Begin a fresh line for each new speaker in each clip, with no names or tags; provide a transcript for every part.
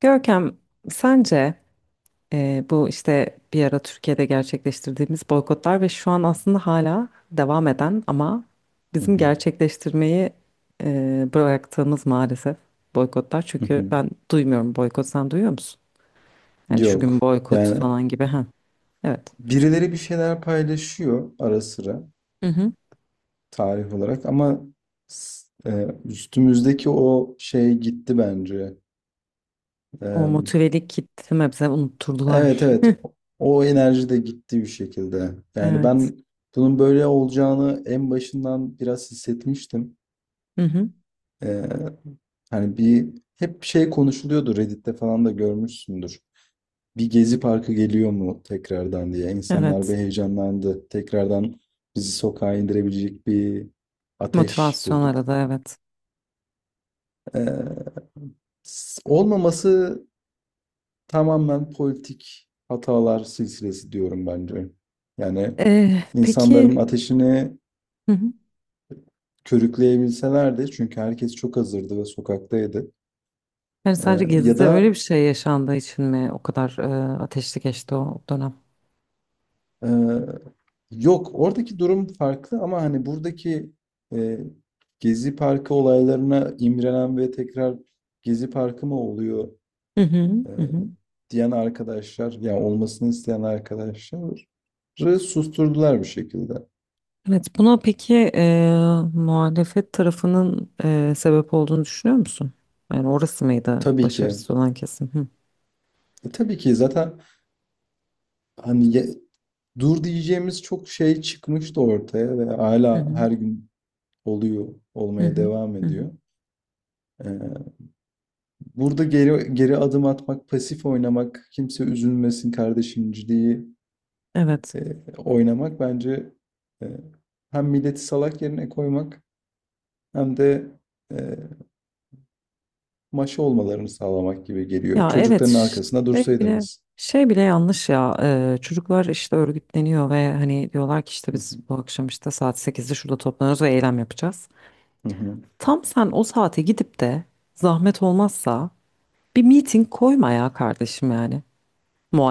Görkem, sence bu işte bir ara Türkiye'de gerçekleştirdiğimiz boykotlar ve şu an aslında hala devam eden ama
Hı
bizim
hı.
gerçekleştirmeyi bıraktığımız maalesef boykotlar.
Hı
Çünkü
hı.
ben duymuyorum boykot, sen duyuyor musun? Yani şu gün
Yok.
boykot
Yani
falan gibi. Ha, evet.
birileri bir şeyler paylaşıyor ara sıra
Hı hı.
tarih olarak ama üstümüzdeki o şey gitti bence. E,
O motivelik kitlemi bize
evet,
unutturdular.
evet, o enerji de gitti bir şekilde. Yani
Evet.
ben bunun böyle olacağını en başından biraz hissetmiştim.
Hı hı.
Ee, Hani hep şey konuşuluyordu Reddit'te falan da görmüşsündür. Bir Gezi Parkı geliyor mu tekrardan diye. İnsanlar bir
Evet.
heyecanlandı. Tekrardan bizi sokağa indirebilecek bir ateş
Motivasyon
bulduk.
arada, evet.
Ee, Olmaması tamamen politik hatalar silsilesi diyorum bence. Yani
Peki.
insanların ateşini
Hı hı.
körükleyebilselerdi çünkü herkes çok hazırdı ve sokaktaydı.
Yani sadece
Ya
Gezi'de öyle
da
bir şey yaşandığı için mi o kadar ateşli geçti o dönem?
Ee, Yok, oradaki durum farklı ama hani buradaki e, Gezi Parkı olaylarına imrenen ve tekrar Gezi Parkı mı oluyor
Hı hı,
e,
hı hı.
diyen arkadaşlar, yani olmasını isteyen arkadaşları susturdular bir şekilde.
Evet, buna peki, muhalefet tarafının sebep olduğunu düşünüyor musun? Yani orası mıydı
Tabii ki.
başarısız olan kesim? Hı.
Tabii ki zaten, hani dur diyeceğimiz çok şey çıkmıştı ortaya ve
Hı
hala
hı,
her gün oluyor,
hı
olmaya
hı,
devam
hı hı.
ediyor. Ee, Burada geri geri adım atmak, pasif oynamak, kimse üzülmesin kardeşimciliği
Evet.
oynamak bence e, hem milleti salak yerine koymak hem de e, maşa olmalarını sağlamak gibi geliyor.
Ya evet,
Çocukların arkasında
şey bile
dursaydınız.
şey bile yanlış ya. Çocuklar işte örgütleniyor ve hani diyorlar ki işte
Hı hı,
biz bu akşam işte saat 8'de şurada toplanıyoruz ve eylem yapacağız.
hı hı,
Tam sen o saate gidip de, zahmet olmazsa, bir meeting koyma ya kardeşim yani.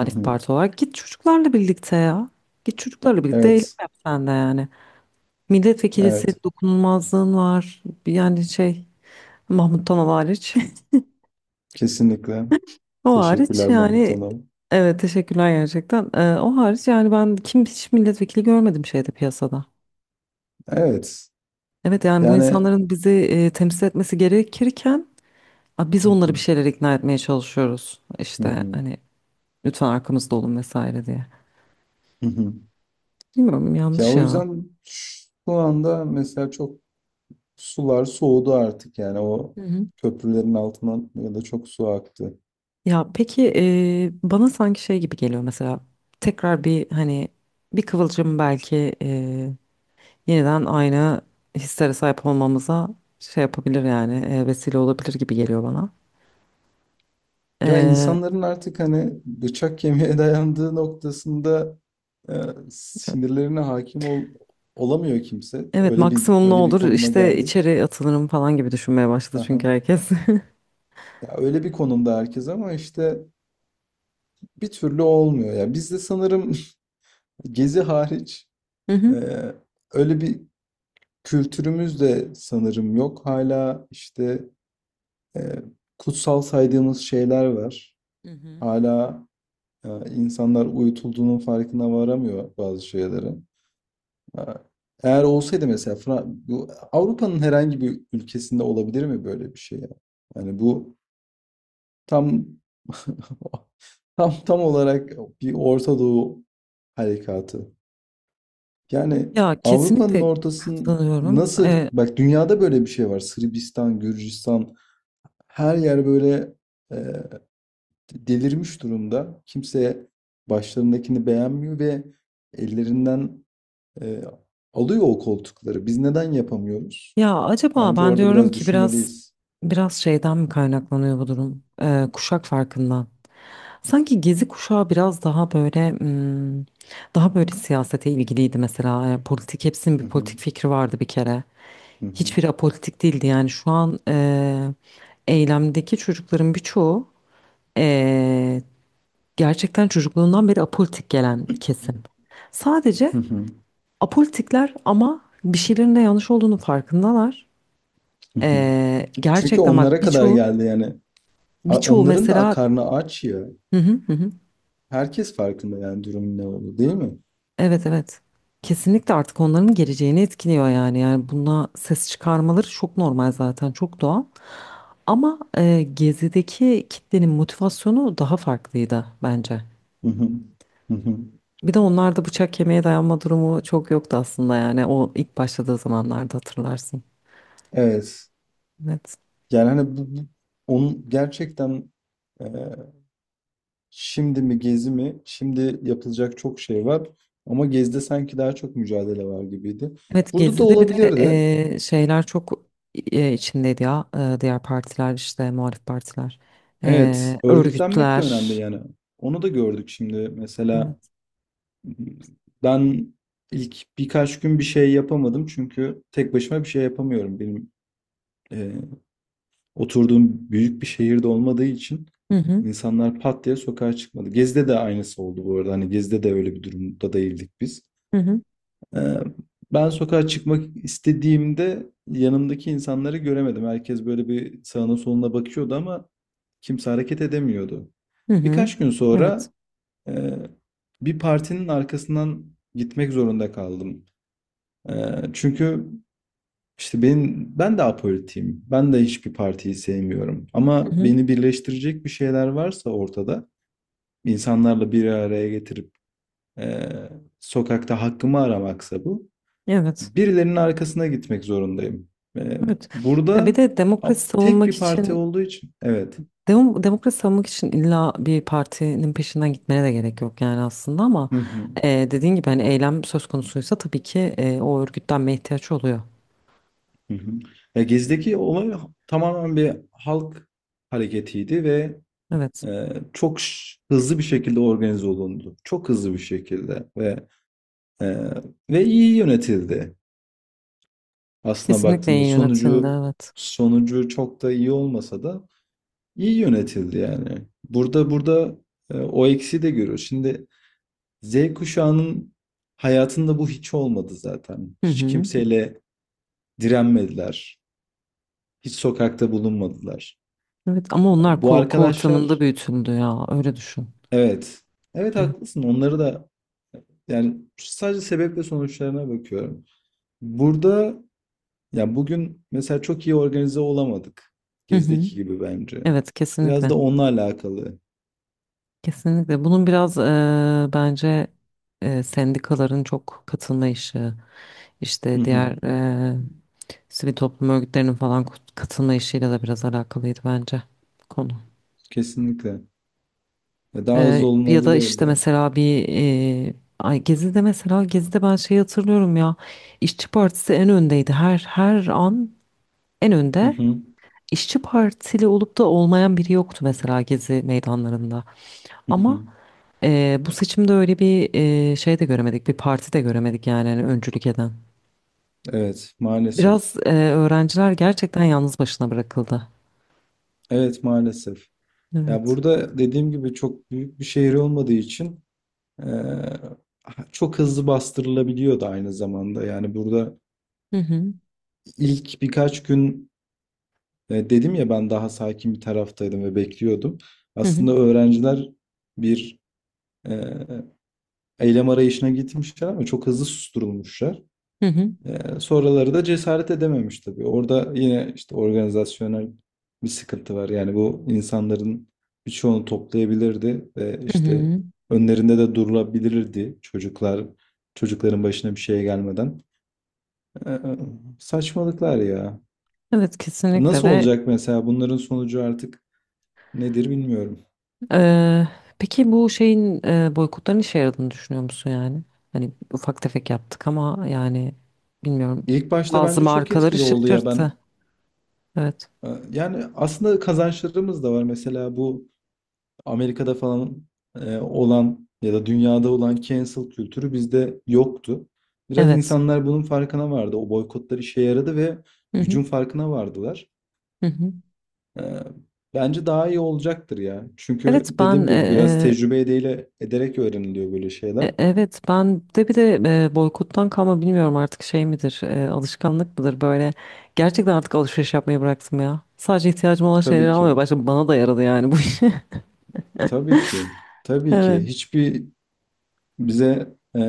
hı hı.
parti olarak. Git çocuklarla birlikte ya. Git çocuklarla birlikte eylem
Evet,
yap sen de yani. Milletvekilisi
evet,
dokunulmazlığın var. Yani şey, Mahmut Tanal hariç.
kesinlikle.
O hariç
Teşekkürler Mahmut
yani,
Hanım.
evet teşekkürler gerçekten. O hariç yani ben kim hiç milletvekili görmedim şeyde piyasada.
Evet,
Evet yani bu
yani.
insanların bizi temsil etmesi gerekirken a, biz
Hı
onları
hı,
bir şeyler ikna etmeye çalışıyoruz.
hı
İşte
hı,
hani lütfen arkamızda olun vesaire diye.
hı hı.
Bilmiyorum,
Ya
yanlış
o
ya.
yüzden şu anda mesela sular soğudu artık, yani o
Hı hı.
köprülerin altından ya da çok su aktı.
Ya peki, bana sanki şey gibi geliyor mesela, tekrar bir hani bir kıvılcım belki yeniden aynı hislere sahip olmamıza şey yapabilir yani, vesile olabilir gibi geliyor bana.
Ya
E,
insanların artık, hani, bıçak kemiğe dayandığı noktasında e, sinirlerine hakim olamıyor kimse.
evet,
Öyle bir
maksimum ne
öyle bir
olur
konuma
işte
geldik.
içeri atılırım falan gibi düşünmeye başladı
Aha.
çünkü herkes.
Ya öyle bir konumda herkes ama işte bir türlü olmuyor. Ya bizde sanırım Gezi hariç
Hı
e,
hı.
öyle bir kültürümüz de sanırım yok. Hala işte e, kutsal saydığımız şeyler var.
Hı hı.
Hala e, insanlar uyutulduğunun farkına varamıyor bazı şeylerin. E, Eğer olsaydı mesela bu Avrupa'nın herhangi bir ülkesinde olabilir mi böyle bir şey ya? Yani bu tam tam olarak bir Orta Doğu harekatı. Yani
Ya
Avrupa'nın
kesinlikle
ortasının,
katılıyorum.
nasıl, bak, dünyada böyle bir şey var. Sırbistan, Gürcistan, her yer böyle e, delirmiş durumda. Kimse başlarındakini beğenmiyor ve ellerinden e, alıyor o koltukları. Biz neden yapamıyoruz?
Ya acaba
Bence
ben
orada
diyorum
biraz
ki biraz
düşünmeliyiz.
biraz şeyden mi kaynaklanıyor bu durum? Kuşak farkından. Sanki Gezi kuşağı biraz daha böyle, hmm, daha böyle siyasete ilgiliydi mesela. Yani politik, hepsinin bir
Hı hı,
politik fikri vardı bir kere.
hı hı,
Hiçbiri apolitik değildi yani şu an, eylemdeki çocukların birçoğu, eee, gerçekten çocukluğundan beri apolitik gelen kesim. Sadece
hı hı,
apolitikler ama bir şeylerin de yanlış olduğunu farkındalar.
hı hı. Çünkü
Gerçekten
onlara
bak
kadar
birçoğu,
geldi yani.
birçoğu
Onların da
mesela
karnı aç ya.
hı hı hı. Hı.
Herkes farkında yani, durumun ne olduğu, değil mi?
Evet evet. Kesinlikle artık onların geleceğini etkiliyor yani. Yani buna ses çıkarmaları çok normal zaten, çok doğal. Ama Gezi'deki kitlenin motivasyonu daha farklıydı bence.
Hı hı. Hı hı.
Bir de onlarda bıçak kemiğe dayanma durumu çok yoktu aslında yani o ilk başladığı zamanlarda hatırlarsın.
Evet.
Evet.
Yani hani bu onun gerçekten, e, şimdi mi Gezi mi? Şimdi yapılacak çok şey var. Ama Gezi'de sanki daha çok mücadele var gibiydi.
Evet,
Burada da
Gezi'de bir de
olabilirdi.
şeyler çok içindeydi ya. E, diğer partiler işte muhalif partiler.
Evet.
E,
Örgütlenmek de önemli
örgütler.
yani. Onu da gördük şimdi. Mesela
Evet.
ben ilk birkaç gün bir şey yapamadım. Çünkü tek başıma bir şey yapamıyorum. Benim oturduğum büyük bir şehirde olmadığı için
Hı hı.
insanlar pat diye sokağa çıkmadı. Gezi'de de aynısı oldu bu arada. Hani Gezi'de de öyle bir durumda değildik biz.
Hı hı.
Ee, Ben sokağa çıkmak istediğimde yanımdaki insanları göremedim. Herkes böyle bir sağına soluna bakıyordu ama kimse hareket edemiyordu.
Hı hı.
Birkaç gün
Evet.
sonra e, bir partinin arkasından gitmek zorunda kaldım. E, Çünkü işte ben de apolitiyim. Ben de hiçbir partiyi sevmiyorum.
Hı
Ama
hı.
beni birleştirecek bir şeyler varsa ortada, insanlarla bir araya getirip eee, sokakta hakkımı aramaksa bu,
Evet.
birilerinin arkasına gitmek zorundayım. Eee,
Evet. Ya bir
Burada
de demokrasi
tek
savunmak
bir parti
için
olduğu için, evet.
demokrasi savunmak için illa bir partinin peşinden gitmene de gerek yok yani aslında ama
Hı hı,
dediğin gibi hani eylem söz konusuysa tabii ki o örgütlenme ihtiyaç oluyor.
hı hı. Ya Gezi'deki olay tamamen bir halk hareketiydi ve
Evet.
çok hızlı bir şekilde organize olundu. Çok hızlı bir şekilde Ee, ve iyi yönetildi. Aslına
Kesinlikle
baktığında
iyi yönetildi,
sonucu
evet.
sonucu çok da iyi olmasa da iyi yönetildi yani. Burada o eksiği de görüyoruz. Şimdi Z kuşağının hayatında bu hiç olmadı zaten.
Hı
Hiç
hı.
kimseyle direnmediler. Hiç sokakta bulunmadılar.
Evet ama onlar
Bu
korku ortamında
arkadaşlar,
büyütüldü ya, öyle düşün.
evet. Evet,
Evet.
haklısın. Onları da, yani sadece sebep ve sonuçlarına bakıyorum. Burada Ya bugün mesela çok iyi organize olamadık.
Hı hı.
Gezdeki gibi bence.
Evet
Biraz
kesinlikle.
da onunla alakalı.
Kesinlikle. Bunun biraz bence sendikaların çok katılma işi.
Hı
İşte
hı.
diğer sivil toplum örgütlerinin falan katılma işiyle de biraz alakalıydı bence konu.
Kesinlikle. Ya daha hızlı
Ya da işte
olunabilirdi.
mesela bir ay, Gezi'de mesela, Gezi'de ben şeyi hatırlıyorum ya, İşçi Partisi en öndeydi. Her an en
Hı
önde.
hı.
İşçi Partili olup da olmayan biri yoktu mesela Gezi meydanlarında.
Hı hı.
Ama bu seçimde öyle bir şey de göremedik. Bir parti de göremedik yani hani öncülük eden.
Evet, maalesef.
Biraz öğrenciler gerçekten yalnız başına bırakıldı.
Evet, maalesef. Ya
Evet.
burada dediğim gibi çok büyük bir şehir olmadığı için eee, çok hızlı bastırılabiliyordu aynı zamanda. Yani burada
Hı hı,
ilk birkaç gün dedim ya, ben daha sakin bir taraftaydım ve bekliyordum.
hı hı,
Aslında öğrenciler bir e, eylem arayışına gitmişler ama çok hızlı susturulmuşlar.
hı hı,
Sonraları da cesaret edememiş tabii. Orada yine işte organizasyonel bir sıkıntı var. Yani bu insanların birçoğunu toplayabilirdi ve
hı
işte
hı.
önlerinde de durulabilirdi, çocuklar, çocukların başına bir şey gelmeden. Ee, Saçmalıklar ya.
Evet kesinlikle
Nasıl
ve
olacak mesela bunların sonucu, artık nedir bilmiyorum.
eee, peki bu şeyin, boykotların işe yaradığını düşünüyor musun yani? Hani ufak tefek yaptık ama yani bilmiyorum,
İlk başta
bazı
bence çok
markaları
etkili oldu ya,
şaşırttı.
ben
Evet.
yani aslında kazançlarımız da var. Mesela bu Amerika'da falan olan ya da dünyada olan cancel kültürü bizde yoktu. Biraz
Evet.
insanlar bunun farkına vardı. O boykotlar işe yaradı ve
Hı hı,
gücün farkına vardılar.
hı hı.
E, Bence daha iyi olacaktır ya. Çünkü
Evet ben
dediğim gibi biraz tecrübe ederek öğreniliyor böyle şeyler.
evet ben de bir de boykottan kalma bilmiyorum artık, şey midir, alışkanlık mıdır, böyle gerçekten artık alışveriş yapmayı bıraktım ya. Sadece ihtiyacım olan şeyleri
Tabii ki,
almaya başladım, bana da yaradı yani bu iş.
tabii ki, tabii ki.
Evet.
Bize e,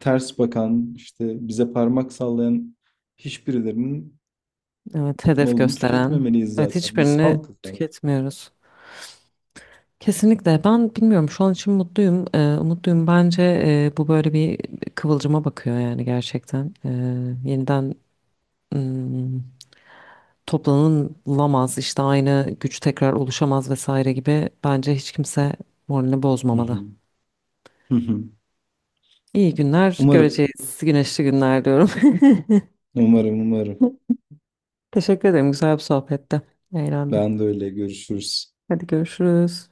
ters bakan, işte bize parmak sallayan hiçbirilerinin
Evet, hedef
malını
gösteren.
tüketmemeliyiz
Evet,
zaten. Biz
hiçbirini
halkız yani.
tüketmiyoruz. Kesinlikle. Ben bilmiyorum. Şu an için mutluyum. Umutluyum. Bence bu böyle bir kıvılcıma bakıyor yani gerçekten. Yeniden, hmm, toplanılamaz, işte aynı güç tekrar oluşamaz vesaire gibi. Bence hiç kimse moralini
Hı
bozmamalı.
hı. Hı hı.
İyi günler
Umarım,
göreceğiz. Güneşli günler diyorum.
umarım, umarım.
Teşekkür ederim. Güzel bir sohbette. Eğlendim.
Ben de öyle. Görüşürüz.
Hadi görüşürüz.